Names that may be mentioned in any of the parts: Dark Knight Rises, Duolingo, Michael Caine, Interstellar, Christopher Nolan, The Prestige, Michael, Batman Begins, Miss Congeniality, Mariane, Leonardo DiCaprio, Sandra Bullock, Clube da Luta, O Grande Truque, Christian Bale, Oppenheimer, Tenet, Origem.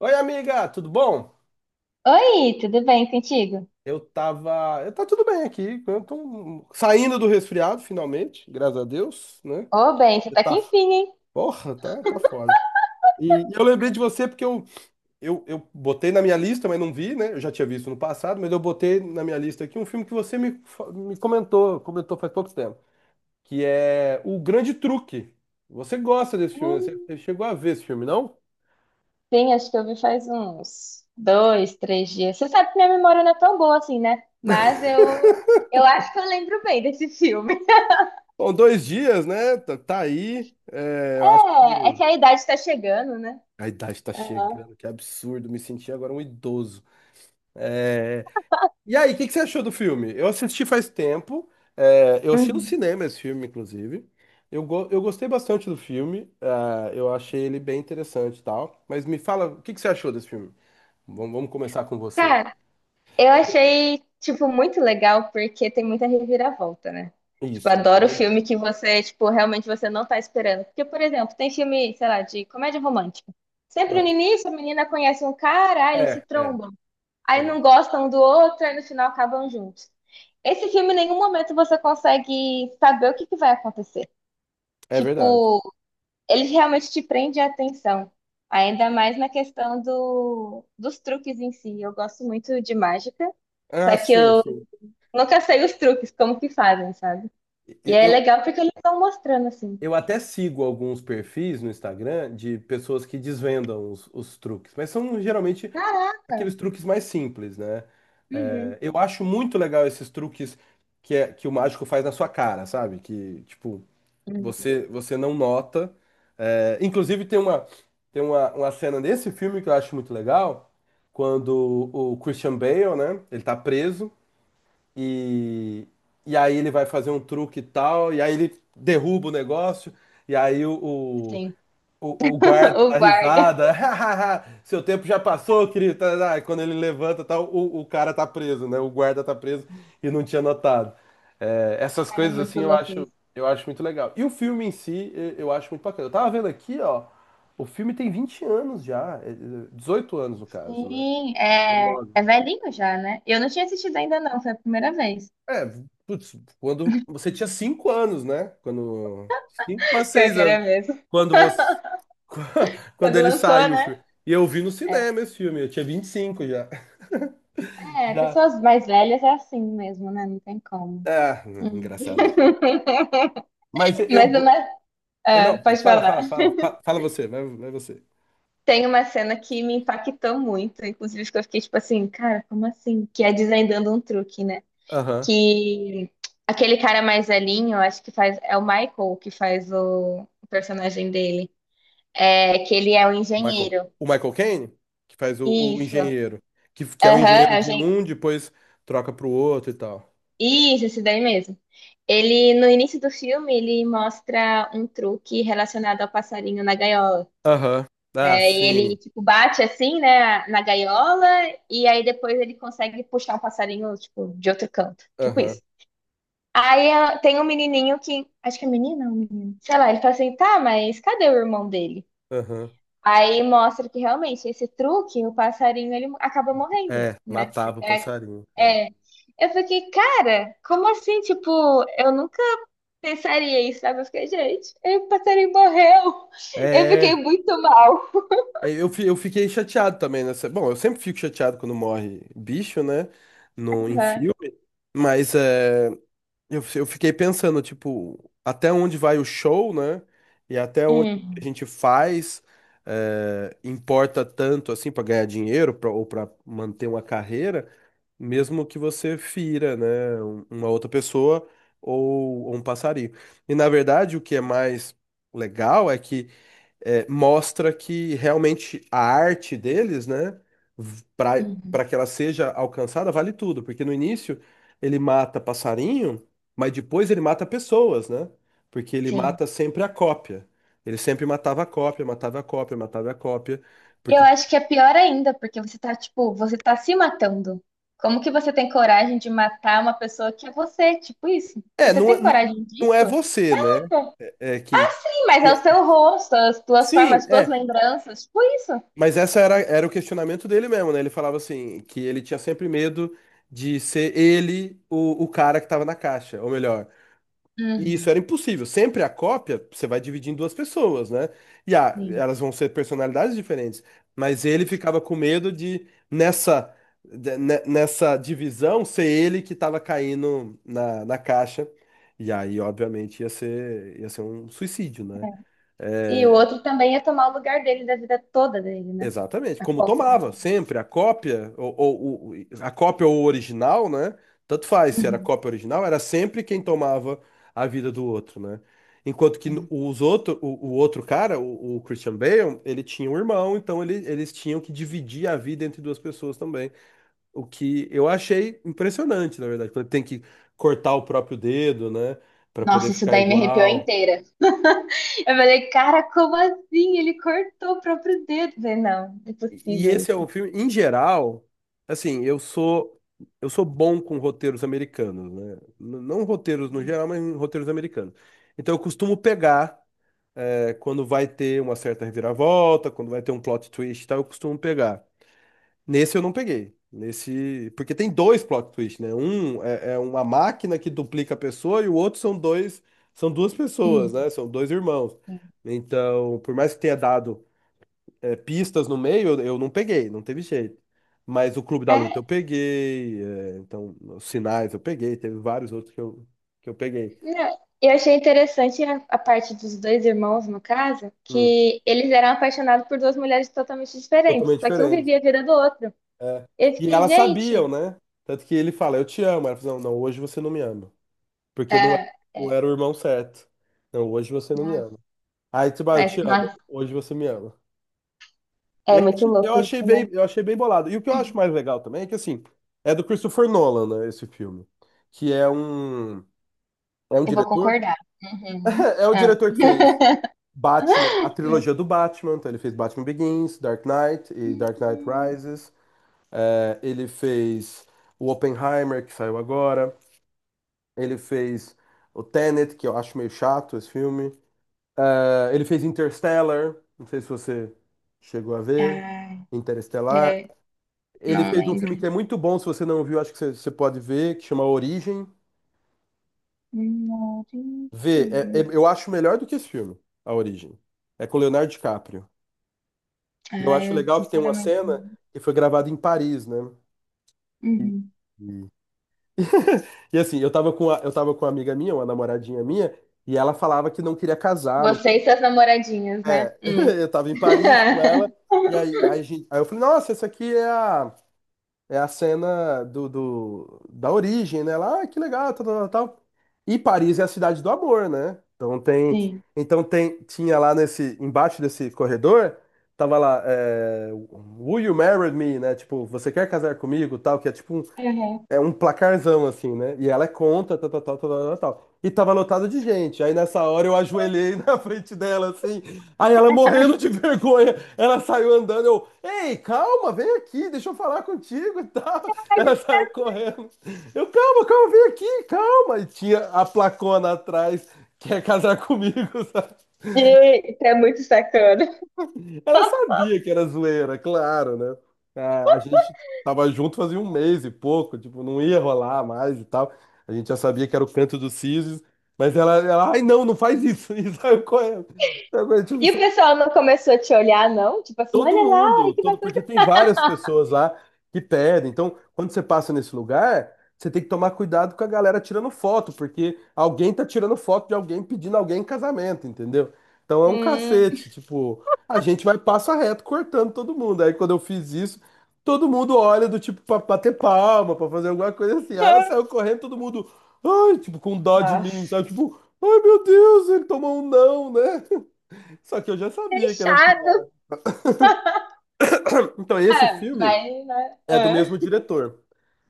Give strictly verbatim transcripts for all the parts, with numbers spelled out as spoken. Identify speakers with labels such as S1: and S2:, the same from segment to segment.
S1: Oi, amiga, tudo bom?
S2: Oi, tudo bem contigo?
S1: Eu tava. Eu tá tudo bem aqui. Eu tô um, saindo do resfriado, finalmente, graças a Deus, né?
S2: Ô, bem, você
S1: Você
S2: tá aqui
S1: tá.
S2: enfim, hein?
S1: Porra, tá, tá foda. E eu lembrei de você porque eu, eu, eu botei na minha lista, mas não vi, né? Eu já tinha visto no passado, mas eu botei na minha lista aqui um filme que você me, fa- me comentou, comentou faz pouco tempo, que é O Grande Truque. Você gosta desse filme, né?
S2: Hum,
S1: Você você chegou a ver esse filme, não?
S2: sim, acho que eu vi faz uns dois, três dias. Você sabe que minha memória não é tão boa assim, né? Mas eu, eu acho que eu lembro bem desse filme.
S1: Bom, dois dias, né? Tá, tá aí. É, eu acho.
S2: É, é que a idade tá chegando, né?
S1: A idade tá
S2: Aham.
S1: chegando, que absurdo, me senti agora um idoso. É. E aí, o que que você achou do filme? Eu assisti faz tempo, é, eu assisti no
S2: Uhum.
S1: cinema esse filme, inclusive. Eu, go- eu gostei bastante do filme, ah, eu achei ele bem interessante e tal. Mas me fala, o que que você achou desse filme? Vamos, vamos começar com você.
S2: Cara, eu achei, tipo, muito legal porque tem muita reviravolta, né? Tipo,
S1: Isso, isso é
S2: adoro
S1: verdade.
S2: filme que você, tipo, realmente você não tá esperando. Porque, por exemplo, tem filme, sei lá, de comédia romântica. Sempre
S1: Ah,
S2: no início a menina conhece um cara, aí eles se
S1: É, é,
S2: trombam. Aí
S1: é,
S2: não gostam um do outro, aí no final acabam juntos. Esse filme, em nenhum momento você consegue saber o que que vai acontecer.
S1: é verdade.
S2: Tipo, ele realmente te prende a atenção. Ainda mais na questão do, dos truques em si. Eu gosto muito de mágica. Só
S1: Ah,
S2: que
S1: sim,
S2: eu
S1: sim.
S2: nunca sei os truques, como que fazem, sabe? E
S1: Eu,
S2: é
S1: eu,
S2: legal porque eles estão mostrando assim.
S1: eu até sigo alguns perfis no Instagram de pessoas que desvendam os, os truques, mas são geralmente
S2: Caraca!
S1: aqueles truques mais simples, né?
S2: Uhum.
S1: É, eu acho muito legal esses truques que, é, que o mágico faz na sua cara, sabe? Que, tipo,
S2: Hum,
S1: você, você não nota. É, inclusive, tem uma, tem uma, uma cena desse filme que eu acho muito legal, quando o Christian Bale, né? Ele tá preso e, e aí ele vai fazer um truque e tal, e aí ele derruba o negócio, e aí o,
S2: sim.
S1: o, o guarda
S2: O
S1: dá
S2: guarda.
S1: risada. Seu tempo já passou, querido. Tá, tá. Aí Quando ele levanta, tá, o, o cara tá preso, né? O guarda tá preso e não tinha notado. É, essas
S2: Cara, é
S1: coisas
S2: muito
S1: assim eu
S2: louco
S1: acho,
S2: isso.
S1: eu acho muito legal. E o filme em si, eu, eu acho muito bacana. Eu tava vendo aqui, ó. O filme tem vinte anos já, é, é, dezoito anos no caso, né?
S2: Sim, é,
S1: dezenove.
S2: é velhinho já, né? Eu não tinha assistido ainda, não, foi a primeira vez.
S1: É, putz, quando você tinha cinco anos, né? Quando cinco para
S2: Pior
S1: seis
S2: que era
S1: anos,
S2: mesmo.
S1: quando você quando
S2: Quando
S1: ele
S2: lançou,
S1: saiu,
S2: né?
S1: filho. E eu vi no
S2: É,
S1: cinema esse filme, eu tinha vinte e cinco já.
S2: é,
S1: Já.
S2: pessoas mais velhas é assim mesmo, né? Não tem como.
S1: Ah,
S2: Hum.
S1: engraçado. Mas eu
S2: Mas é
S1: go-
S2: uma, ah,
S1: não,
S2: pode
S1: fala,
S2: falar.
S1: fala, fala, fa- fala você, vai, vai você.
S2: Tem uma cena que me impactou muito, inclusive que eu fiquei tipo assim, cara, como assim? Que é desvendando um truque, né?
S1: Aham.
S2: Que aquele cara mais velhinho, acho que faz, é o Michael que faz o, o personagem dele, é que ele é o
S1: O Michael,
S2: engenheiro.
S1: o Michael Caine, que faz o, o
S2: Isso.
S1: engenheiro, que, que é o
S2: Aham,
S1: engenheiro
S2: é o
S1: de
S2: engen-
S1: um, depois troca pro outro e tal.
S2: Isso, esse daí mesmo. Ele, no início do filme, ele mostra um truque relacionado ao passarinho na gaiola.
S1: Aham. Ah,
S2: É, e
S1: sim.
S2: ele, tipo, bate assim, né, na gaiola, e aí depois ele consegue puxar o passarinho, tipo, de outro canto. Tipo
S1: Aham.
S2: isso. Aí ah, tem um menininho que, acho que é menina ou um menino, sei lá, ele fala assim, tá, mas cadê o irmão dele?
S1: Aham.
S2: Aí mostra que realmente esse truque, o passarinho, ele acaba morrendo,
S1: É,
S2: né?
S1: matava o
S2: É,
S1: passarinho. É,
S2: é. Eu fiquei, cara, como assim? Tipo, eu nunca pensaria isso, sabe? Eu fiquei, gente, aí o passarinho morreu. Eu fiquei
S1: é
S2: muito mal.
S1: é, eu, fi- eu fiquei chateado também nessa. Bom, eu sempre fico chateado quando morre bicho, né? No, em
S2: Aham.
S1: filme. Mas é. Eu, eu fiquei pensando, tipo, até onde vai o show, né? E até onde a
S2: Uhum.
S1: gente faz, eh, importa tanto assim para ganhar dinheiro pra- ou para manter uma carreira, mesmo que você fira, né? um- Uma outra pessoa ou, ou um passarinho. E na verdade, o que é mais legal é que é, mostra que realmente a arte deles, né, para
S2: Uhum.
S1: para que ela seja alcançada, vale tudo, porque no início ele mata passarinho, mas depois ele mata pessoas, né? Porque ele
S2: Sim.
S1: mata sempre a cópia. Ele sempre matava a cópia, matava a cópia, matava a cópia,
S2: E eu
S1: porque
S2: acho que é pior ainda, porque você tá, tipo, você tá se matando. Como que você tem coragem de matar uma pessoa que é você? Tipo isso. Se
S1: é,
S2: você
S1: não é,
S2: tem coragem
S1: não é
S2: disso,
S1: você, né? É que
S2: sim, mas é o
S1: que-
S2: seu rosto, as tuas formas,
S1: Sim,
S2: as tuas
S1: é.
S2: lembranças, tipo isso.
S1: Mas essa era, era o questionamento dele mesmo, né? Ele falava assim, que ele tinha sempre medo de ser ele o, o cara que tava na caixa, ou melhor. E isso
S2: Uhum,
S1: era impossível. Sempre a cópia, você vai dividir em duas pessoas, né? E ah,
S2: sim.
S1: elas vão ser personalidades diferentes. Mas ele ficava com medo de, nessa, de- ne- nessa divisão, ser ele que tava caindo na, na caixa. E aí, obviamente, ia ser, ia ser um suicídio, né?
S2: E o
S1: É,
S2: outro também ia tomar o lugar dele da vida toda dele, né?
S1: Exatamente,
S2: A
S1: como
S2: Copa.
S1: tomava sempre a cópia ou, ou- ou- a cópia ou o original, né? Tanto faz se era
S2: Uhum,
S1: cópia ou original, era sempre quem tomava a vida do outro, né? Enquanto que
S2: é.
S1: os outro, o, o outro cara, o, o Christian Bale, ele tinha um irmão, então ele- eles tinham que dividir a vida entre duas pessoas também. O que eu achei impressionante, na verdade, quando tem que cortar o próprio dedo, né? Pra poder
S2: Nossa, isso
S1: ficar
S2: daí me arrepiou
S1: igual.
S2: inteira. Eu falei, cara, como assim? Ele cortou o próprio dedo. Eu falei, não,
S1: E
S2: impossível
S1: esse é um
S2: isso.
S1: filme, em geral, assim, eu sou eu sou bom com roteiros americanos, né? N- Não roteiros no geral, mas em roteiros americanos. Então eu costumo pegar eh, quando vai ter uma certa reviravolta, quando vai ter um plot twist, e tal, eu costumo pegar. Nesse eu não peguei. Nesse, porque tem dois plot twists, né? Um é, é uma máquina que duplica a pessoa e o outro são dois, são duas pessoas,
S2: Uhum,
S1: né? São dois irmãos.
S2: sim.
S1: Então, por mais que tenha dado é, pistas no meio, eu, eu não peguei, não teve jeito. Mas o Clube da Luta eu
S2: É.
S1: peguei, é, então os sinais eu peguei, teve vários outros que eu, que eu peguei.
S2: Não, eu achei interessante a, a parte dos dois irmãos, no caso,
S1: Hum,
S2: que eles eram apaixonados por duas mulheres totalmente diferentes,
S1: totalmente
S2: só que um
S1: diferente.
S2: vivia a vida do outro.
S1: É.
S2: Eu
S1: E
S2: fiquei,
S1: elas
S2: gente,
S1: sabiam, né? Tanto que ele fala, eu te amo. Ela fala, não, não, hoje você não me ama. Porque não era,
S2: é,
S1: não
S2: é,
S1: era o irmão certo. Não, hoje você não me
S2: nossa,
S1: ama. Aí, tipo, ah, eu
S2: mas
S1: te amo,
S2: nossa,
S1: hoje você me ama.
S2: é
S1: Eu,
S2: muito
S1: achei- eu
S2: louco
S1: achei
S2: isso, né?
S1: bem, eu achei bem bolado. E o que eu acho mais legal também é que, assim, é do Christopher Nolan, né, esse filme. Que é um. É um
S2: Eu vou
S1: diretor?
S2: concordar. Uhum.
S1: É, o
S2: Ah.
S1: diretor que fez Batman, a trilogia do Batman. Então ele fez Batman Begins, Dark Knight e Dark Knight
S2: Hum.
S1: Rises. É, ele fez o Oppenheimer, que saiu agora. Ele fez o Tenet, que eu acho meio chato esse filme. É, ele fez Interstellar. Não sei se você chegou a ver.
S2: Ai,
S1: Interestelar.
S2: é,
S1: Ele
S2: não
S1: fez um filme
S2: lembro.
S1: que é muito bom, se você não viu, acho que você, você pode ver, que chama Origem.
S2: Não, deixa
S1: Vê,
S2: eu
S1: é- é-
S2: ver.
S1: eu acho melhor do que esse filme, A Origem. É com Leonardo DiCaprio. E eu
S2: Ah,
S1: acho
S2: eu
S1: legal que tem uma
S2: sinceramente não
S1: cena
S2: lembro.
S1: que foi gravada em Paris, né? E,
S2: Uhum.
S1: e- e, assim, eu tava com a, eu tava com uma amiga minha, uma namoradinha minha, e ela falava que não queria casar. Não...
S2: Você e seus namoradinhos, né?
S1: É,
S2: Hum.
S1: eu tava em Paris com ela, e aí, aí, a gente- aí eu falei, nossa, essa aqui é a. É a cena do, do- da origem, né? Lá, ah, que legal, tal, tal, tal, tal. E Paris é a cidade do amor, né? Então tem,
S2: Sim.
S1: então tem, tinha lá nesse, embaixo desse corredor, tava lá, é, Will you marry me, né? Tipo, você quer casar comigo, tal, que é tipo um,
S2: Uhum.
S1: é um placarzão, assim, né? E ela é contra, tal, tal, tal, tal, tal, tal. E tava lotado de gente. Aí nessa hora eu ajoelhei na frente dela, assim. Aí ela morrendo de vergonha. Ela saiu andando. Eu, ei, calma, vem aqui, deixa eu falar contigo e tal. Ela saiu correndo. Eu, calma, calma, vem aqui, calma. E tinha a placona atrás, quer casar comigo, sabe?
S2: E isso é muito sacana.
S1: Ela sabia que era zoeira, claro, né? A, a gente tava junto fazia um mês e pouco, tipo, não ia rolar mais e tal. A gente já sabia que era o canto do Sisos, mas ela, ela, ai, não, não faz isso. E saiu correndo. Sabe,
S2: E o
S1: Tipo,
S2: pessoal não começou a te olhar, não? Tipo assim,
S1: Todo
S2: olha lá, olha
S1: mundo,
S2: que
S1: todo,
S2: bacana.
S1: porque tem várias pessoas lá que pedem. Então, quando você passa nesse lugar, você tem que tomar cuidado com a galera tirando foto, porque alguém tá tirando foto de alguém pedindo alguém em casamento, entendeu? Então é um
S2: Hum,
S1: cacete, tipo, a gente vai passo a reto cortando todo mundo. Aí quando eu fiz isso, todo mundo olha do tipo pra bater palma, pra fazer alguma coisa assim. Aí ela saiu correndo, todo mundo, ai, tipo, com dó de mim,
S2: nossa.
S1: sabe? Tipo, ai meu Deus, ele tomou um não, né? Só que eu já sabia que era
S2: Fechado.
S1: pior. Então, esse
S2: Ah,
S1: filme
S2: mas, né?
S1: É do
S2: Ah.
S1: mesmo diretor.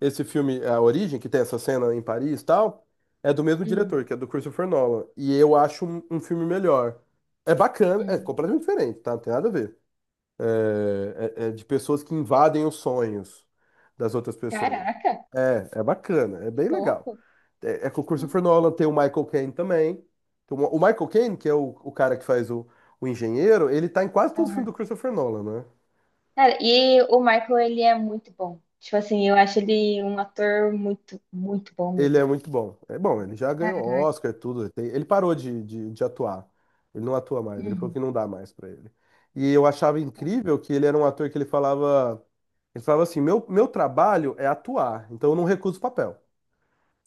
S1: Esse filme, A Origem, que tem essa cena em Paris e tal, é do mesmo diretor,
S2: Uhum,
S1: que é do Christopher Nolan. E eu acho um, um filme melhor. É bacana, é
S2: uhum.
S1: completamente diferente, tá? Não tem nada a ver. É, é- é de pessoas que invadem os sonhos das outras pessoas.
S2: Caraca,
S1: É, é bacana, é
S2: que
S1: bem legal.
S2: louco.
S1: É, é com o Christopher
S2: Uhum.
S1: Nolan, tem o Michael Caine também. Tem O o Michael Caine, que é o, o cara que faz o, o engenheiro, ele tá em quase todo o filme
S2: Aham.
S1: do Christopher Nolan, né?
S2: Cara, e o Michael, ele é muito bom. Tipo assim, eu acho ele um ator muito, muito bom
S1: Ele é
S2: mesmo.
S1: muito bom. É bom, ele já ganhou
S2: Ah,
S1: Oscar, tudo. Ele, tem- ele parou de, de, de atuar. Ele não atua mais, ele falou
S2: uhum,
S1: que não dá mais pra ele. E eu achava incrível que ele era um ator que ele falava, ele falava assim, meu, meu trabalho é atuar, então eu não recuso papel.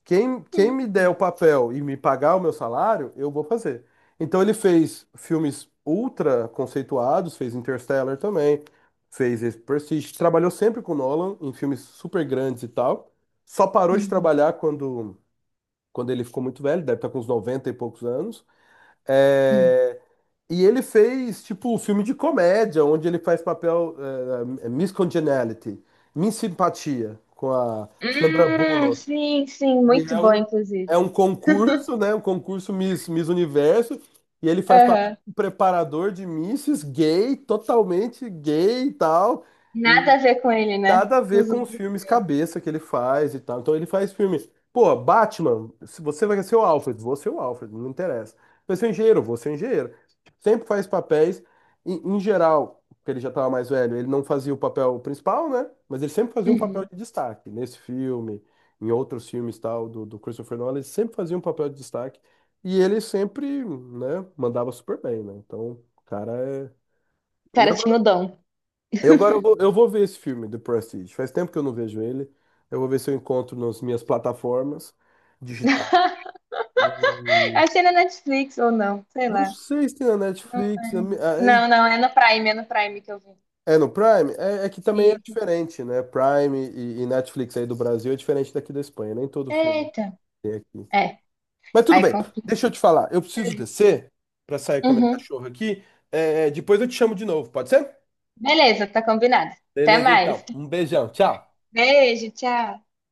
S1: Quem, quem me der o papel e me pagar o meu salário, eu vou fazer. Então ele fez filmes ultra conceituados, fez Interstellar também, fez esse Prestige, trabalhou sempre com Nolan em filmes super grandes e tal. Só parou de
S2: uhum,
S1: trabalhar quando quando ele ficou muito velho, deve estar com uns noventa e poucos anos.
S2: uhum.
S1: É, E ele fez, tipo, um filme de comédia, onde ele faz papel é, Miss Congeniality, Miss Simpatia, com a Sandra
S2: Hum,
S1: Bullock.
S2: sim, sim,
S1: E
S2: muito
S1: é
S2: bom,
S1: um,
S2: inclusive.
S1: é um concurso, né? Um concurso Miss, Miss Universo. E ele faz papel
S2: Aham.
S1: de um preparador de misses, gay, totalmente gay e tal.
S2: Nada a ver com ele, né?
S1: Nada a ver
S2: Nos
S1: com os
S2: outros.
S1: filmes cabeça que ele faz e tal. Então ele faz filmes. Pô, Batman, se você vai ser o Alfred, vou ser o Alfred, não interessa. Vai ser o engenheiro, vou ser o engenheiro. Sempre faz papéis, em, em geral, porque ele já estava mais velho, ele não fazia o papel principal, né? Mas ele sempre fazia um papel
S2: Uhum.
S1: de destaque. Nesse filme, em outros filmes tal, do, do Christopher Nolan, ele sempre fazia um papel de destaque. E ele sempre, né, mandava super bem, né? Então, o cara é.
S2: O
S1: E
S2: cara tinha
S1: agora
S2: o dom.
S1: e agora eu vou, eu vou ver esse filme, The Prestige. Faz tempo que eu não vejo ele. Eu vou ver se eu encontro nas minhas plataformas digitais. E
S2: Achei na Netflix ou não, sei
S1: não
S2: lá.
S1: sei se tem na Netflix. na mi- aí-
S2: Não, não, é no Prime, é no Prime que eu vi.
S1: É no Prime? É, é que também é
S2: Isso.
S1: diferente, né? Prime e, e Netflix aí do Brasil é diferente daqui da Espanha. Nem todo filme
S2: Eita.
S1: tem aqui.
S2: É,
S1: Mas tudo
S2: aí
S1: bem,
S2: complica.
S1: deixa eu te falar. Eu preciso descer para sair com a minha
S2: Uhum.
S1: cachorra aqui. É, depois eu te chamo de novo, pode ser?
S2: Beleza, tá combinado. Até
S1: Beleza,
S2: mais.
S1: então. Um beijão, tchau.
S2: Beijo, tchau.